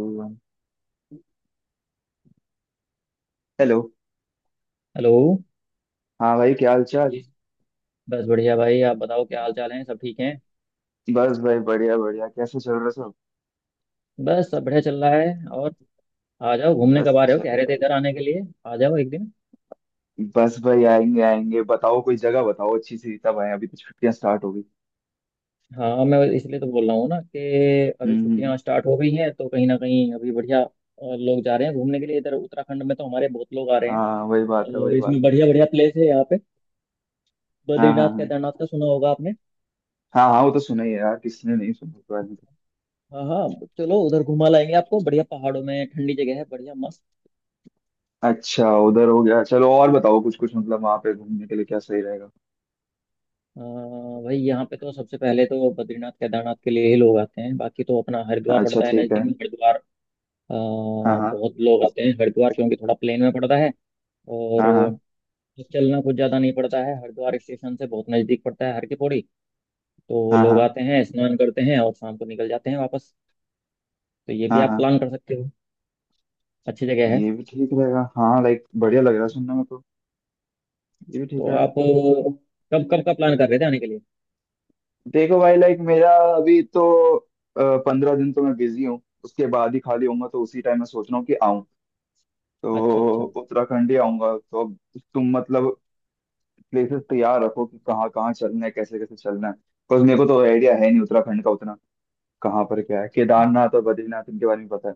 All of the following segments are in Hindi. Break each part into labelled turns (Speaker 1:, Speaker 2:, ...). Speaker 1: हेलो।
Speaker 2: हेलो
Speaker 1: हाँ भाई, क्या हाल चाल।
Speaker 2: जी। बस बढ़िया भाई, आप बताओ क्या हाल चाल है, सब ठीक हैं।
Speaker 1: बस भाई, बढ़िया बढ़िया, कैसे चल रहा सब।
Speaker 2: बस सब बढ़िया चल रहा है। और आ जाओ घूमने,
Speaker 1: बस
Speaker 2: कब आ रहे हो, कह
Speaker 1: चले
Speaker 2: रहे थे
Speaker 1: भाई।
Speaker 2: इधर आने के लिए। आ जाओ एक दिन।
Speaker 1: बस भाई, आएंगे आएंगे, बताओ कोई जगह बताओ अच्छी सी, तब आए, अभी तो छुट्टियां स्टार्ट हो गई।
Speaker 2: हाँ, मैं इसलिए तो बोल रहा हूँ ना कि
Speaker 1: हम्म
Speaker 2: अभी
Speaker 1: हम्म, हम्म।
Speaker 2: छुट्टियाँ स्टार्ट हो गई हैं, तो कहीं ना कहीं अभी बढ़िया लोग जा रहे हैं घूमने के लिए। इधर उत्तराखंड में तो हमारे बहुत लोग आ रहे हैं,
Speaker 1: हाँ वही बात है,
Speaker 2: और
Speaker 1: वही
Speaker 2: इसमें
Speaker 1: बात है।
Speaker 2: बढ़िया बढ़िया प्लेस है यहाँ पे।
Speaker 1: हाँ हाँ
Speaker 2: बद्रीनाथ
Speaker 1: हाँ।
Speaker 2: केदारनाथ का सुना होगा आपने।
Speaker 1: हाँ हाँ, वो तो सुना ही है यार, किसने नहीं सुना उसके बारे में तो।
Speaker 2: हाँ हाँ, चलो उधर घुमा लाएंगे आपको, बढ़िया पहाड़ों में ठंडी जगह है, बढ़िया मस्त।
Speaker 1: अच्छा उधर हो गया, चलो और बताओ कुछ कुछ, मतलब वहां पे घूमने के लिए क्या सही रहेगा।
Speaker 2: अ, भाई यहाँ पे तो सबसे पहले तो बद्रीनाथ केदारनाथ के लिए ही लोग आते हैं, बाकी तो अपना हरिद्वार
Speaker 1: अच्छा
Speaker 2: पड़ता है
Speaker 1: ठीक
Speaker 2: नज़दीक
Speaker 1: है।
Speaker 2: में, हरिद्वार। अ,
Speaker 1: हाँ हाँ।
Speaker 2: बहुत लोग आते हैं हरिद्वार, क्योंकि थोड़ा प्लेन में पड़ता है और
Speaker 1: हाँ हाँ।
Speaker 2: चलना कुछ ज़्यादा नहीं पड़ता है। हरिद्वार स्टेशन से बहुत नज़दीक पड़ता है हर की पौड़ी। तो
Speaker 1: हाँ हाँ।
Speaker 2: लोग
Speaker 1: हाँ
Speaker 2: आते हैं, स्नान करते हैं और शाम को निकल जाते हैं वापस। तो ये भी
Speaker 1: हाँ।
Speaker 2: आप
Speaker 1: हाँ।
Speaker 2: प्लान कर सकते हो, अच्छी जगह है।
Speaker 1: ये भी ठीक रहेगा, हाँ, लाइक बढ़िया लग रहा है सुनने में तो। ये भी ठीक
Speaker 2: तो
Speaker 1: है।
Speaker 2: आप कब कब का प्लान कर रहे थे आने के लिए।
Speaker 1: देखो भाई, लाइक मेरा अभी तो पंद्रह दिन तो मैं बिजी हूँ, उसके बाद ही खाली होऊंगा, तो उसी टाइम मैं सोच रहा हूँ कि आऊँ,
Speaker 2: अच्छा
Speaker 1: तो
Speaker 2: अच्छा,
Speaker 1: उत्तराखंड ही आऊंगा तो अब तुम मतलब प्लेसेस तैयार रखो कि कहाँ कहाँ चलना है, कैसे कैसे चलना है, बिकॉज मेरे को तो आइडिया है नहीं उत्तराखंड का उतना, कहाँ पर क्या है। केदारनाथ और बद्रीनाथ, इनके बारे में पता है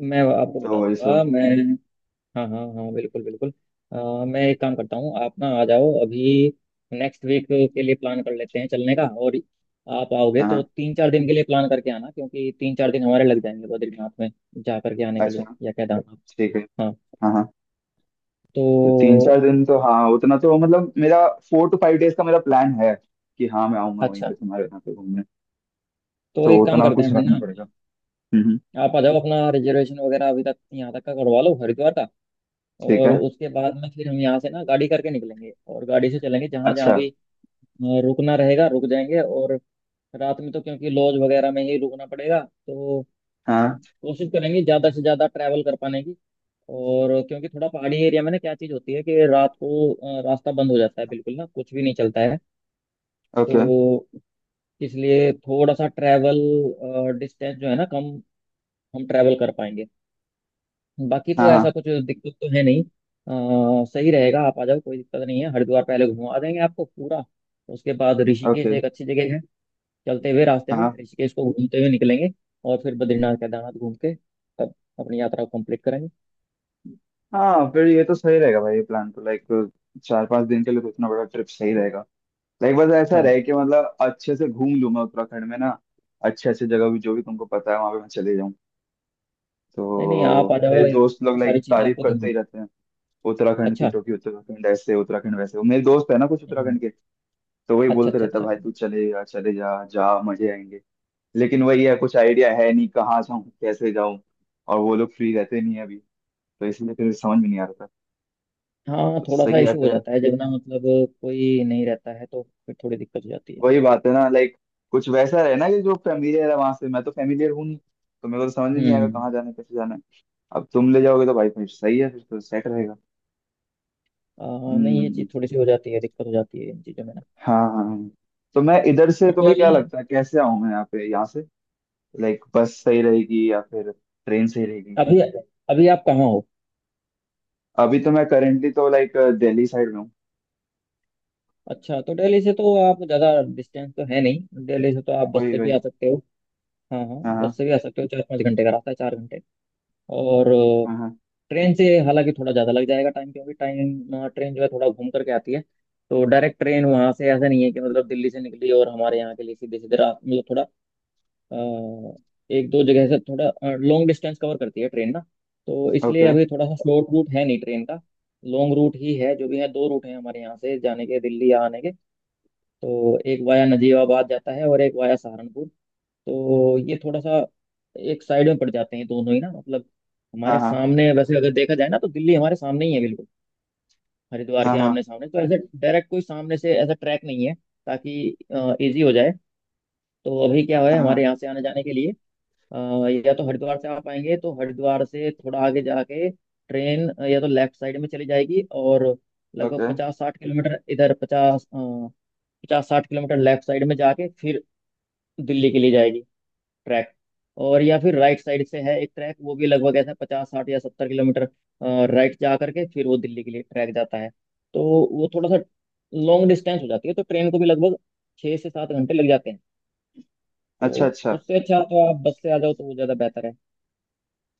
Speaker 2: मैं आपको बता
Speaker 1: तो ये
Speaker 2: दूंगा
Speaker 1: सब।
Speaker 2: मैं। हाँ हाँ हाँ, बिल्कुल बिल्कुल। मैं एक काम करता हूँ, आप ना आ जाओ अभी। नेक्स्ट वीक के लिए प्लान कर लेते हैं चलने का। और आप आओगे
Speaker 1: हाँ
Speaker 2: तो
Speaker 1: हाँ।
Speaker 2: 3 4 दिन के लिए प्लान करके आना, क्योंकि 3 4 दिन हमारे लग जाएंगे बद्रीनाथ में जा करके आने के
Speaker 1: अच्छा
Speaker 2: लिए, या केदारनाथ।
Speaker 1: ठीक है।
Speaker 2: हाँ।
Speaker 1: हाँ हाँ। तो तीन
Speaker 2: तो
Speaker 1: चार दिन तो हाँ उतना तो मतलब मेरा फोर टू फाइव डेज का मेरा प्लान है कि हाँ मैं आऊंगा वहीं
Speaker 2: अच्छा,
Speaker 1: पे तुम्हारे यहाँ पे घूमने,
Speaker 2: तो
Speaker 1: तो
Speaker 2: एक काम
Speaker 1: उतना
Speaker 2: करते हैं
Speaker 1: कुछ
Speaker 2: फिर
Speaker 1: रखना
Speaker 2: ना,
Speaker 1: पड़ेगा। हम्म, हम्म।
Speaker 2: आप आ जाओ। अपना रिजर्वेशन वगैरह अभी तक, यहाँ तक का करवा लो हरिद्वार का।
Speaker 1: ठीक
Speaker 2: और
Speaker 1: है।
Speaker 2: उसके बाद में फिर हम यहाँ से ना गाड़ी करके निकलेंगे, और गाड़ी से चलेंगे जहाँ जहाँ
Speaker 1: अच्छा।
Speaker 2: भी रुकना रहेगा, रुक जाएंगे। और रात में तो क्योंकि लॉज वगैरह में ही रुकना पड़ेगा, तो
Speaker 1: हाँ।
Speaker 2: कोशिश करेंगे ज्यादा से ज्यादा ट्रैवल कर पाने की। और क्योंकि थोड़ा पहाड़ी एरिया में ना, क्या चीज होती है कि रात को रास्ता बंद हो जाता है बिल्कुल, ना कुछ भी नहीं चलता है। तो
Speaker 1: ओके।
Speaker 2: इसलिए थोड़ा सा ट्रैवल डिस्टेंस जो है ना, कम हम ट्रैवल कर पाएंगे। बाकी
Speaker 1: हाँ
Speaker 2: तो ऐसा
Speaker 1: हाँ।
Speaker 2: कुछ दिक्कत तो है नहीं। सही रहेगा, आप आ जाओ, कोई दिक्कत नहीं है। हरिद्वार पहले घुमा देंगे आपको पूरा, उसके बाद ऋषिकेश
Speaker 1: ओके।
Speaker 2: एक अच्छी जगह है। चलते हुए रास्ते में
Speaker 1: हाँ
Speaker 2: ऋषिकेश को घूमते हुए निकलेंगे, और फिर बद्रीनाथ केदारनाथ घूम के तब अपनी यात्रा को कंप्लीट करेंगे।
Speaker 1: हाँ फिर ये तो सही रहेगा भाई, ये प्लान तो लाइक चार पांच दिन के लिए तो इतना बड़ा ट्रिप सही रहेगा। लाइक बस ऐसा
Speaker 2: हाँ।
Speaker 1: रहे कि मतलब अच्छे से घूम लूँ मैं उत्तराखंड में ना, अच्छे अच्छे जगह भी जो भी तुमको पता है वहाँ पे मैं चले जाऊँ।
Speaker 2: नहीं नहीं, आप आ
Speaker 1: तो
Speaker 2: जाओ,
Speaker 1: मेरे
Speaker 2: एक
Speaker 1: दोस्त लोग लाइक
Speaker 2: सारी चीजें
Speaker 1: तारीफ
Speaker 2: आपको
Speaker 1: करते
Speaker 2: घुमा।
Speaker 1: ही रहते हैं उत्तराखंड की,
Speaker 2: अच्छा।
Speaker 1: तो कि उत्तराखंड ऐसे, उत्तराखंड वैसे, मेरे दोस्त है ना कुछ
Speaker 2: हम्म।
Speaker 1: उत्तराखंड के, तो वही
Speaker 2: अच्छा
Speaker 1: बोलते
Speaker 2: अच्छा
Speaker 1: रहता है,
Speaker 2: अच्छा।
Speaker 1: भाई तू चले जा चले जा, जा मजे आएंगे। लेकिन वही है, कुछ आइडिया है नहीं कहाँ जाऊँ कैसे जाऊँ, और वो लोग फ्री रहते नहीं है अभी, तो इसलिए फिर समझ में नहीं आ रहा था।
Speaker 2: हाँ,
Speaker 1: तो
Speaker 2: थोड़ा सा
Speaker 1: सही है
Speaker 2: इशू हो
Speaker 1: फिर।
Speaker 2: जाता है जब ना, मतलब कोई नहीं रहता है तो फिर थोड़ी दिक्कत हो जाती है।
Speaker 1: वही बात है ना, लाइक कुछ वैसा रहे ना कि जो फेमिलियर है वहां से, मैं तो फेमिलियर हूँ नहीं तो मेरे को तो समझ में नहीं आएगा
Speaker 2: हम्म।
Speaker 1: कहाँ जाना है कैसे जाना है। अब तुम ले जाओगे तो भाई फिर सही है, फिर तो सेट रहेगा।
Speaker 2: आ, नहीं, ये
Speaker 1: हम्म।
Speaker 2: चीज थोड़ी सी हो जाती है, दिक्कत हो जाती है इन चीजों में ना।
Speaker 1: हाँ हाँ हाँ। तो मैं इधर से
Speaker 2: बट कोई
Speaker 1: तुम्हें क्या
Speaker 2: नहीं।
Speaker 1: लगता है कैसे आऊँ मैं यहाँ पे, यहाँ से लाइक बस सही रहेगी या फिर ट्रेन सही रहेगी।
Speaker 2: अभी अभी आप कहाँ हो।
Speaker 1: अभी तो मैं करेंटली तो लाइक दिल्ली साइड में हूँ।
Speaker 2: अच्छा, तो दिल्ली से तो आप ज्यादा डिस्टेंस तो है नहीं, दिल्ली से तो आप बस
Speaker 1: वही
Speaker 2: से भी
Speaker 1: वही।
Speaker 2: आ सकते हो। हाँ हाँ,
Speaker 1: हाँ हाँ।
Speaker 2: बस से भी आ सकते हो, 4 5 घंटे का रास्ता है, 4 घंटे। और
Speaker 1: हाँ, हाँ।
Speaker 2: ट्रेन से हालांकि थोड़ा ज़्यादा लग जाएगा टाइम, क्योंकि टाइम ट्रेन जो है थोड़ा घूम करके आती है। तो डायरेक्ट ट्रेन वहाँ से ऐसा नहीं है कि मतलब दिल्ली से निकली और हमारे यहाँ के लिए सीधे सीधे, रात, मतलब थोड़ा अ, एक दो जगह से थोड़ा लॉन्ग डिस्टेंस कवर करती है ट्रेन ना। तो इसलिए
Speaker 1: ओके।
Speaker 2: अभी थोड़ा सा शॉर्ट रूट है नहीं ट्रेन का, लॉन्ग रूट ही है जो भी है। दो रूट हैं हमारे यहाँ से जाने के दिल्ली, या आने के। तो एक वाया नजीबाबाद जाता है और एक वाया सहारनपुर। तो ये थोड़ा सा एक साइड में पड़ जाते हैं दोनों ही ना, मतलब
Speaker 1: हाँ
Speaker 2: हमारे
Speaker 1: हाँ।
Speaker 2: सामने वैसे अगर देखा जाए ना, तो दिल्ली हमारे सामने ही है बिल्कुल। हरिद्वार
Speaker 1: हाँ
Speaker 2: के
Speaker 1: हाँ।
Speaker 2: आमने सामने तो ऐसे डायरेक्ट कोई सामने से ऐसा ट्रैक नहीं है, ताकि इजी हो जाए। तो अभी क्या है
Speaker 1: हाँ
Speaker 2: हमारे
Speaker 1: हाँ।
Speaker 2: यहाँ से आने जाने के लिए, या तो हरिद्वार से आप आएंगे तो हरिद्वार से थोड़ा आगे जाके ट्रेन या तो लेफ्ट साइड में चली जाएगी, और लगभग
Speaker 1: ओके।
Speaker 2: 50 60 किलोमीटर इधर, 50, 50 60 किलोमीटर लेफ्ट साइड में जाके फिर दिल्ली के लिए जाएगी ट्रैक। और या फिर राइट साइड से है एक ट्रैक, वो भी लगभग ऐसा 50 60 या 70 किलोमीटर राइट जा करके फिर वो दिल्ली के लिए ट्रैक जाता है। तो वो थोड़ा सा लॉन्ग डिस्टेंस हो जाती है। तो ट्रेन को भी लगभग 6 से 7 घंटे लग जाते हैं।
Speaker 1: अच्छा
Speaker 2: तो
Speaker 1: अच्छा,
Speaker 2: उससे अच्छा तो आप बस से आ जाओ, तो वो ज़्यादा बेहतर है।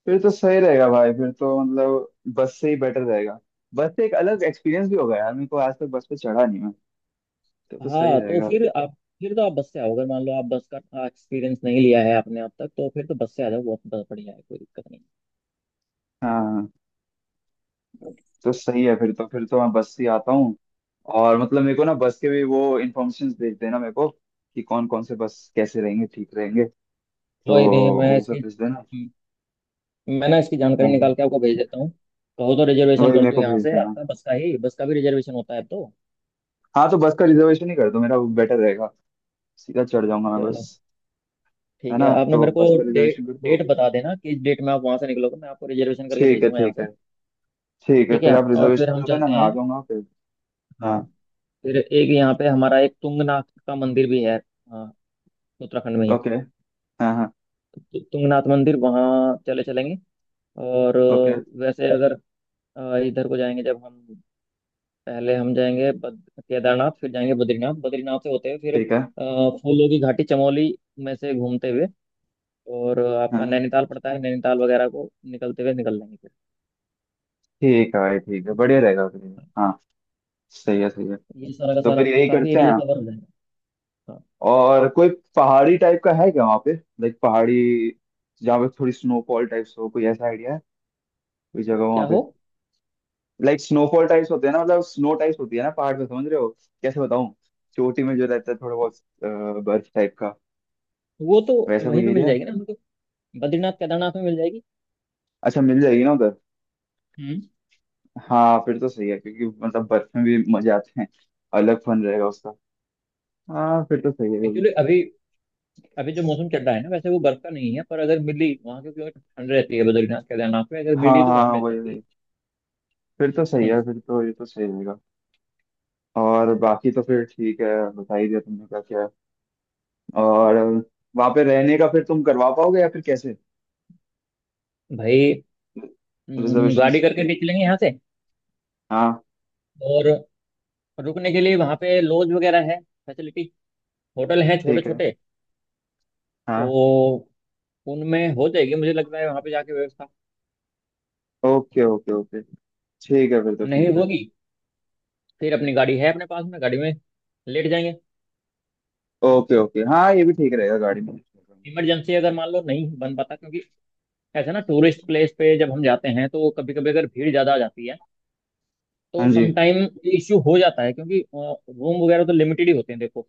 Speaker 1: फिर तो सही रहेगा भाई, फिर तो मतलब बस से ही बेटर रहेगा। बस से एक अलग एक्सपीरियंस भी होगा यार, मेरे को आज तक बस पे चढ़ा नहीं मैं, तो सही
Speaker 2: हाँ तो
Speaker 1: रहेगा।
Speaker 2: फिर तो आप बस से आओ, अगर मान लो आप बस का एक्सपीरियंस नहीं लिया है आपने अब तक, तो फिर तो बस से आ जाओ, बहुत बहुत बढ़िया है, कोई दिक्कत नहीं।
Speaker 1: हाँ हाँ। तो सही है फिर तो, फिर तो मैं बस से ही आता हूँ। और मतलब मेरे को ना बस के भी वो इन्फॉर्मेशन भेज देना मेरे को, कि कौन कौन से बस कैसे रहेंगे ठीक रहेंगे, तो
Speaker 2: कोई नहीं।
Speaker 1: वो सब भेज देना।
Speaker 2: मैं ना इसकी
Speaker 1: हाँ
Speaker 2: जानकारी
Speaker 1: हाँ।
Speaker 2: निकाल के आपको भेज देता हूँ। कहो तो रिजर्वेशन
Speaker 1: वही
Speaker 2: कर
Speaker 1: मेरे
Speaker 2: दूँ
Speaker 1: को
Speaker 2: यहाँ
Speaker 1: भेज
Speaker 2: से
Speaker 1: देना।
Speaker 2: आपका, बस का ही, बस का भी रिजर्वेशन होता है अब तो।
Speaker 1: हाँ, तो बस का रिजर्वेशन ही कर दो मेरा, बेटर रहेगा, सीधा चढ़ जाऊंगा मैं
Speaker 2: चलो
Speaker 1: बस, है
Speaker 2: ठीक है।
Speaker 1: ना,
Speaker 2: आपने
Speaker 1: तो
Speaker 2: मेरे को
Speaker 1: बस का
Speaker 2: डेट
Speaker 1: रिजर्वेशन कर दो।
Speaker 2: डेट बता देना किस डेट में आप वहाँ से निकलोगे, मैं आपको रिजर्वेशन करके
Speaker 1: ठीक
Speaker 2: भेज
Speaker 1: है
Speaker 2: दूंगा यहाँ
Speaker 1: ठीक है।
Speaker 2: से।
Speaker 1: ठीक है,
Speaker 2: ठीक
Speaker 1: फिर
Speaker 2: है,
Speaker 1: आप
Speaker 2: और फिर
Speaker 1: रिजर्वेशन
Speaker 2: हम
Speaker 1: कर देना
Speaker 2: चलते
Speaker 1: मैं आ
Speaker 2: हैं।
Speaker 1: जाऊंगा फिर। हाँ।
Speaker 2: हाँ, फिर एक यहाँ पे हमारा एक तुंगनाथ का मंदिर भी है, हाँ, उत्तराखंड में ही।
Speaker 1: ओके। हाँ हाँ।
Speaker 2: तुंगनाथ मंदिर वहाँ चले चलेंगे। और
Speaker 1: ओके।
Speaker 2: वैसे अगर इधर को जाएंगे जब हम, पहले हम जाएंगे केदारनाथ, फिर जाएंगे बद्रीनाथ, बद्रीनाथ से होते हुए फिर
Speaker 1: ठीक है।
Speaker 2: फूलों की घाटी चमोली में से घूमते हुए, और आपका
Speaker 1: हाँ।
Speaker 2: नैनीताल पड़ता है, नैनीताल वगैरह को निकलते हुए निकल लेंगे फिर।
Speaker 1: ठीक है भाई, ठीक है बढ़िया रहेगा फिर। हाँ। सही है, सही है।
Speaker 2: ये सारा का
Speaker 1: तो
Speaker 2: सारा
Speaker 1: फिर यही
Speaker 2: काफी
Speaker 1: करते
Speaker 2: एरिया
Speaker 1: हैं।
Speaker 2: कवर हो जाएगा। हाँ
Speaker 1: और कोई पहाड़ी टाइप का है क्या वहाँ पे, लाइक पहाड़ी जहाँ पे थोड़ी स्नोफॉल टाइप्स हो, कोई ऐसा आइडिया है कोई
Speaker 2: तो
Speaker 1: जगह
Speaker 2: क्या
Speaker 1: वहाँ पे।
Speaker 2: हो,
Speaker 1: लाइक स्नोफॉल टाइप्स होते हैं ना, मतलब स्नो टाइप्स होती है ना पहाड़ पे, समझ रहे हो, कैसे बताऊँ, चोटी में जो रहता है थोड़ा बहुत बर्फ टाइप का,
Speaker 2: वो तो
Speaker 1: वैसा
Speaker 2: वहीं
Speaker 1: कोई
Speaker 2: पे मिल
Speaker 1: एरिया।
Speaker 2: जाएगी ना हमको, बद्रीनाथ केदारनाथ में मिल जाएगी।
Speaker 1: अच्छा मिल जाएगी ना उधर।
Speaker 2: हम्म।
Speaker 1: हाँ फिर तो सही है, क्योंकि मतलब बर्फ में भी मजे आते हैं, अलग फन रहेगा उसका। हाँ फिर तो सही है वो भी।
Speaker 2: एक्चुअली अभी, अभी जो मौसम चल रहा है ना वैसे, वो बर्फ का नहीं है, पर अगर मिली वहाँ की, क्योंकि ठंड रहती है बद्रीनाथ केदारनाथ में, अगर
Speaker 1: हाँ
Speaker 2: मिली तो
Speaker 1: हाँ
Speaker 2: वहाँ
Speaker 1: हाँ,
Speaker 2: मिल
Speaker 1: वही
Speaker 2: सकती
Speaker 1: वही।
Speaker 2: है।
Speaker 1: फिर तो सही है
Speaker 2: हम्म।
Speaker 1: फिर तो, ये तो सही रहेगा। और बाकी तो फिर ठीक है, बता ही दिया तुमने क्या क्या है। और वहाँ पे रहने का फिर तुम करवा पाओगे या फिर कैसे,
Speaker 2: भाई, गाड़ी
Speaker 1: रिजर्वेशंस।
Speaker 2: करके निकलेंगे यहाँ से,
Speaker 1: हाँ।
Speaker 2: और रुकने के लिए वहाँ पे लॉज वगैरह है फैसिलिटी, होटल है छोटे
Speaker 1: ठीक है।
Speaker 2: छोटे।
Speaker 1: हाँ।
Speaker 2: तो उनमें हो जाएगी मुझे लग रहा है, वहाँ पे जाके व्यवस्था।
Speaker 1: Okay okay okay. ठीक है फिर तो,
Speaker 2: नहीं
Speaker 1: ठीक है।
Speaker 2: होगी फिर अपनी गाड़ी है अपने पास में, गाड़ी में लेट जाएंगे।
Speaker 1: ओके ओके, हाँ, ये भी ठीक रहेगा गाड़ी में।
Speaker 2: इमरजेंसी अगर मान लो नहीं बन पाता, क्योंकि ऐसा ना टूरिस्ट प्लेस पे जब हम जाते हैं तो कभी कभी अगर भीड़ ज़्यादा आ जाती है, तो
Speaker 1: हाँ जी।
Speaker 2: समटाइम इश्यू हो जाता है। क्योंकि रूम वगैरह तो लिमिटेड ही होते हैं देखो,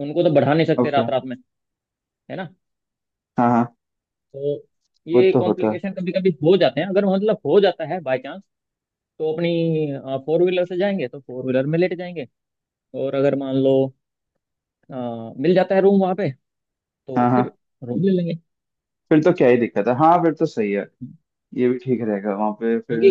Speaker 2: उनको तो बढ़ा नहीं सकते
Speaker 1: ओके।
Speaker 2: रात रात में, है ना।
Speaker 1: हाँ हाँ।
Speaker 2: तो
Speaker 1: वो
Speaker 2: ये
Speaker 1: तो होता है।
Speaker 2: कॉम्प्लिकेशन कभी कभी हो जाते हैं, अगर मतलब हो जाता है बाय चांस, तो अपनी फोर व्हीलर से जाएंगे तो फोर व्हीलर में लेट जाएंगे। और अगर मान लो अ, मिल जाता है रूम वहाँ पे, तो
Speaker 1: हाँ हाँ
Speaker 2: फिर रूम ले लेंगे।
Speaker 1: फिर तो क्या ही दिक्कत है, हाँ फिर तो सही है, ये भी ठीक रहेगा वहां पे फिर
Speaker 2: क्योंकि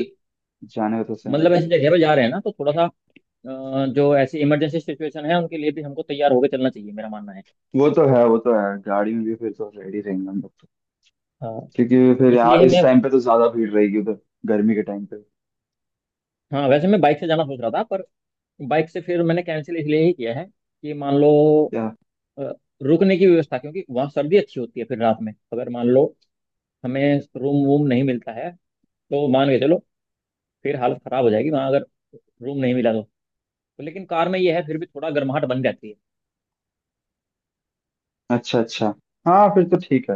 Speaker 1: जाने का, तो सही
Speaker 2: मतलब
Speaker 1: है।
Speaker 2: ऐसी जगह पे जा रहे हैं ना, तो थोड़ा सा जो ऐसी इमरजेंसी सिचुएशन है उनके लिए भी हमको तैयार होकर चलना चाहिए, मेरा मानना है।
Speaker 1: वो तो है, वो तो है, गाड़ी में भी फिर तो रेडी रहेंगे हम लोग तो,
Speaker 2: हाँ,
Speaker 1: क्योंकि फिर यहाँ
Speaker 2: इसलिए
Speaker 1: इस
Speaker 2: मैं,
Speaker 1: टाइम पे तो ज्यादा भीड़ रहेगी उधर, गर्मी के टाइम पे।
Speaker 2: हाँ वैसे मैं बाइक से जाना सोच रहा था, पर बाइक से फिर मैंने कैंसिल इसलिए ही किया है कि मान लो
Speaker 1: या।
Speaker 2: अ, रुकने की व्यवस्था, क्योंकि वहाँ सर्दी अच्छी होती है, फिर रात में अगर मान लो हमें रूम वूम नहीं मिलता है, तो मान के चलो फिर हालत खराब हो जाएगी वहाँ, अगर रूम नहीं मिला तो। तो लेकिन कार में ये है फिर भी थोड़ा गर्माहट बन जाती है।
Speaker 1: अच्छा अच्छा। हाँ फिर तो ठीक है,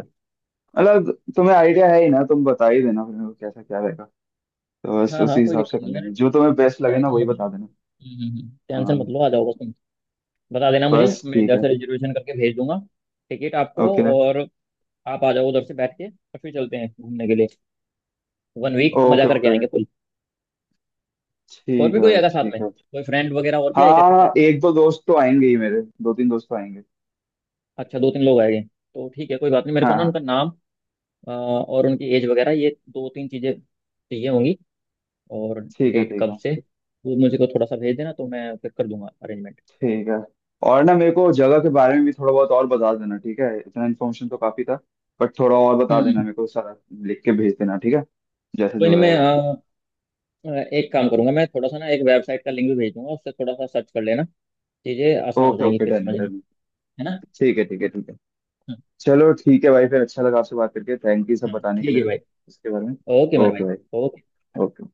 Speaker 1: मतलब तुम्हें आइडिया है ही ना, तुम बता ही देना फिर मेरे को कैसा क्या रहेगा, तो बस
Speaker 2: हाँ हाँ,
Speaker 1: उसी
Speaker 2: कोई
Speaker 1: हिसाब से
Speaker 2: दिक्कत
Speaker 1: कर
Speaker 2: नहीं है, अरे
Speaker 1: लेंगे, जो तुम्हें बेस्ट लगे ना
Speaker 2: टेंशन
Speaker 1: वही
Speaker 2: मत लो।
Speaker 1: बता देना।
Speaker 2: टेंशन मत
Speaker 1: हाँ।
Speaker 2: लो, आ जाओ बस तुम। बता देना मुझे,
Speaker 1: बस
Speaker 2: मैं
Speaker 1: ठीक है।
Speaker 2: जैसे रिजर्वेशन करके भेज दूंगा टिकट आपको।
Speaker 1: ओके
Speaker 2: और आप आ जाओ उधर से बैठ के, और फिर चलते हैं घूमने के लिए, वन वीक मजा
Speaker 1: ओके
Speaker 2: करके
Speaker 1: ओके।
Speaker 2: आएंगे फुल। और
Speaker 1: ठीक
Speaker 2: भी
Speaker 1: है
Speaker 2: कोई
Speaker 1: भाई,
Speaker 2: आएगा साथ
Speaker 1: ठीक
Speaker 2: में,
Speaker 1: है।
Speaker 2: कोई फ्रेंड वगैरह और भी आएगा के साथ
Speaker 1: हाँ
Speaker 2: में।
Speaker 1: एक दो दोस्त तो आएंगे ही, मेरे दो तीन दोस्त तो आएंगे।
Speaker 2: अच्छा, दो तीन लोग आएंगे तो ठीक है, कोई बात नहीं, मेरे
Speaker 1: हाँ
Speaker 2: को ना
Speaker 1: हाँ।
Speaker 2: उनका नाम, और उनकी एज वगैरह, ये दो तीन चीजें चाहिए होंगी, और
Speaker 1: ठीक है
Speaker 2: डेट
Speaker 1: ठीक
Speaker 2: कब
Speaker 1: है
Speaker 2: से, वो मुझे को थोड़ा सा भेज देना, तो मैं फिर कर दूंगा अरेंजमेंट।
Speaker 1: ठीक है। और ना मेरे को जगह के बारे में भी थोड़ा बहुत और बता देना, ठीक है, इतना इन्फॉर्मेशन तो काफी था बट थोड़ा और बता देना
Speaker 2: हम्म।
Speaker 1: मेरे को सारा, लिख के भेज देना, ठीक है, जैसा
Speaker 2: कोई
Speaker 1: जो
Speaker 2: नहीं, मैं
Speaker 1: रहेगा।
Speaker 2: अ, एक काम करूंगा मैं, थोड़ा सा ना एक वेबसाइट का लिंक भी भेज दूंगा, उससे थोड़ा सा सर्च कर लेना, चीजें आसान हो
Speaker 1: ओके
Speaker 2: जाएंगी
Speaker 1: ओके,
Speaker 2: फिर
Speaker 1: डन है
Speaker 2: समझना,
Speaker 1: डन है।
Speaker 2: है ना।
Speaker 1: ठीक है ठीक है ठीक है।
Speaker 2: हाँ
Speaker 1: चलो ठीक है भाई, फिर अच्छा लगा आपसे बात करके, थैंक यू सब
Speaker 2: हाँ,
Speaker 1: बताने के
Speaker 2: ठीक
Speaker 1: लिए
Speaker 2: है
Speaker 1: मेरे
Speaker 2: भाई,
Speaker 1: को इसके बारे में।
Speaker 2: ओके मेरे भाई,
Speaker 1: ओके भाई।
Speaker 2: ओके।
Speaker 1: ओके।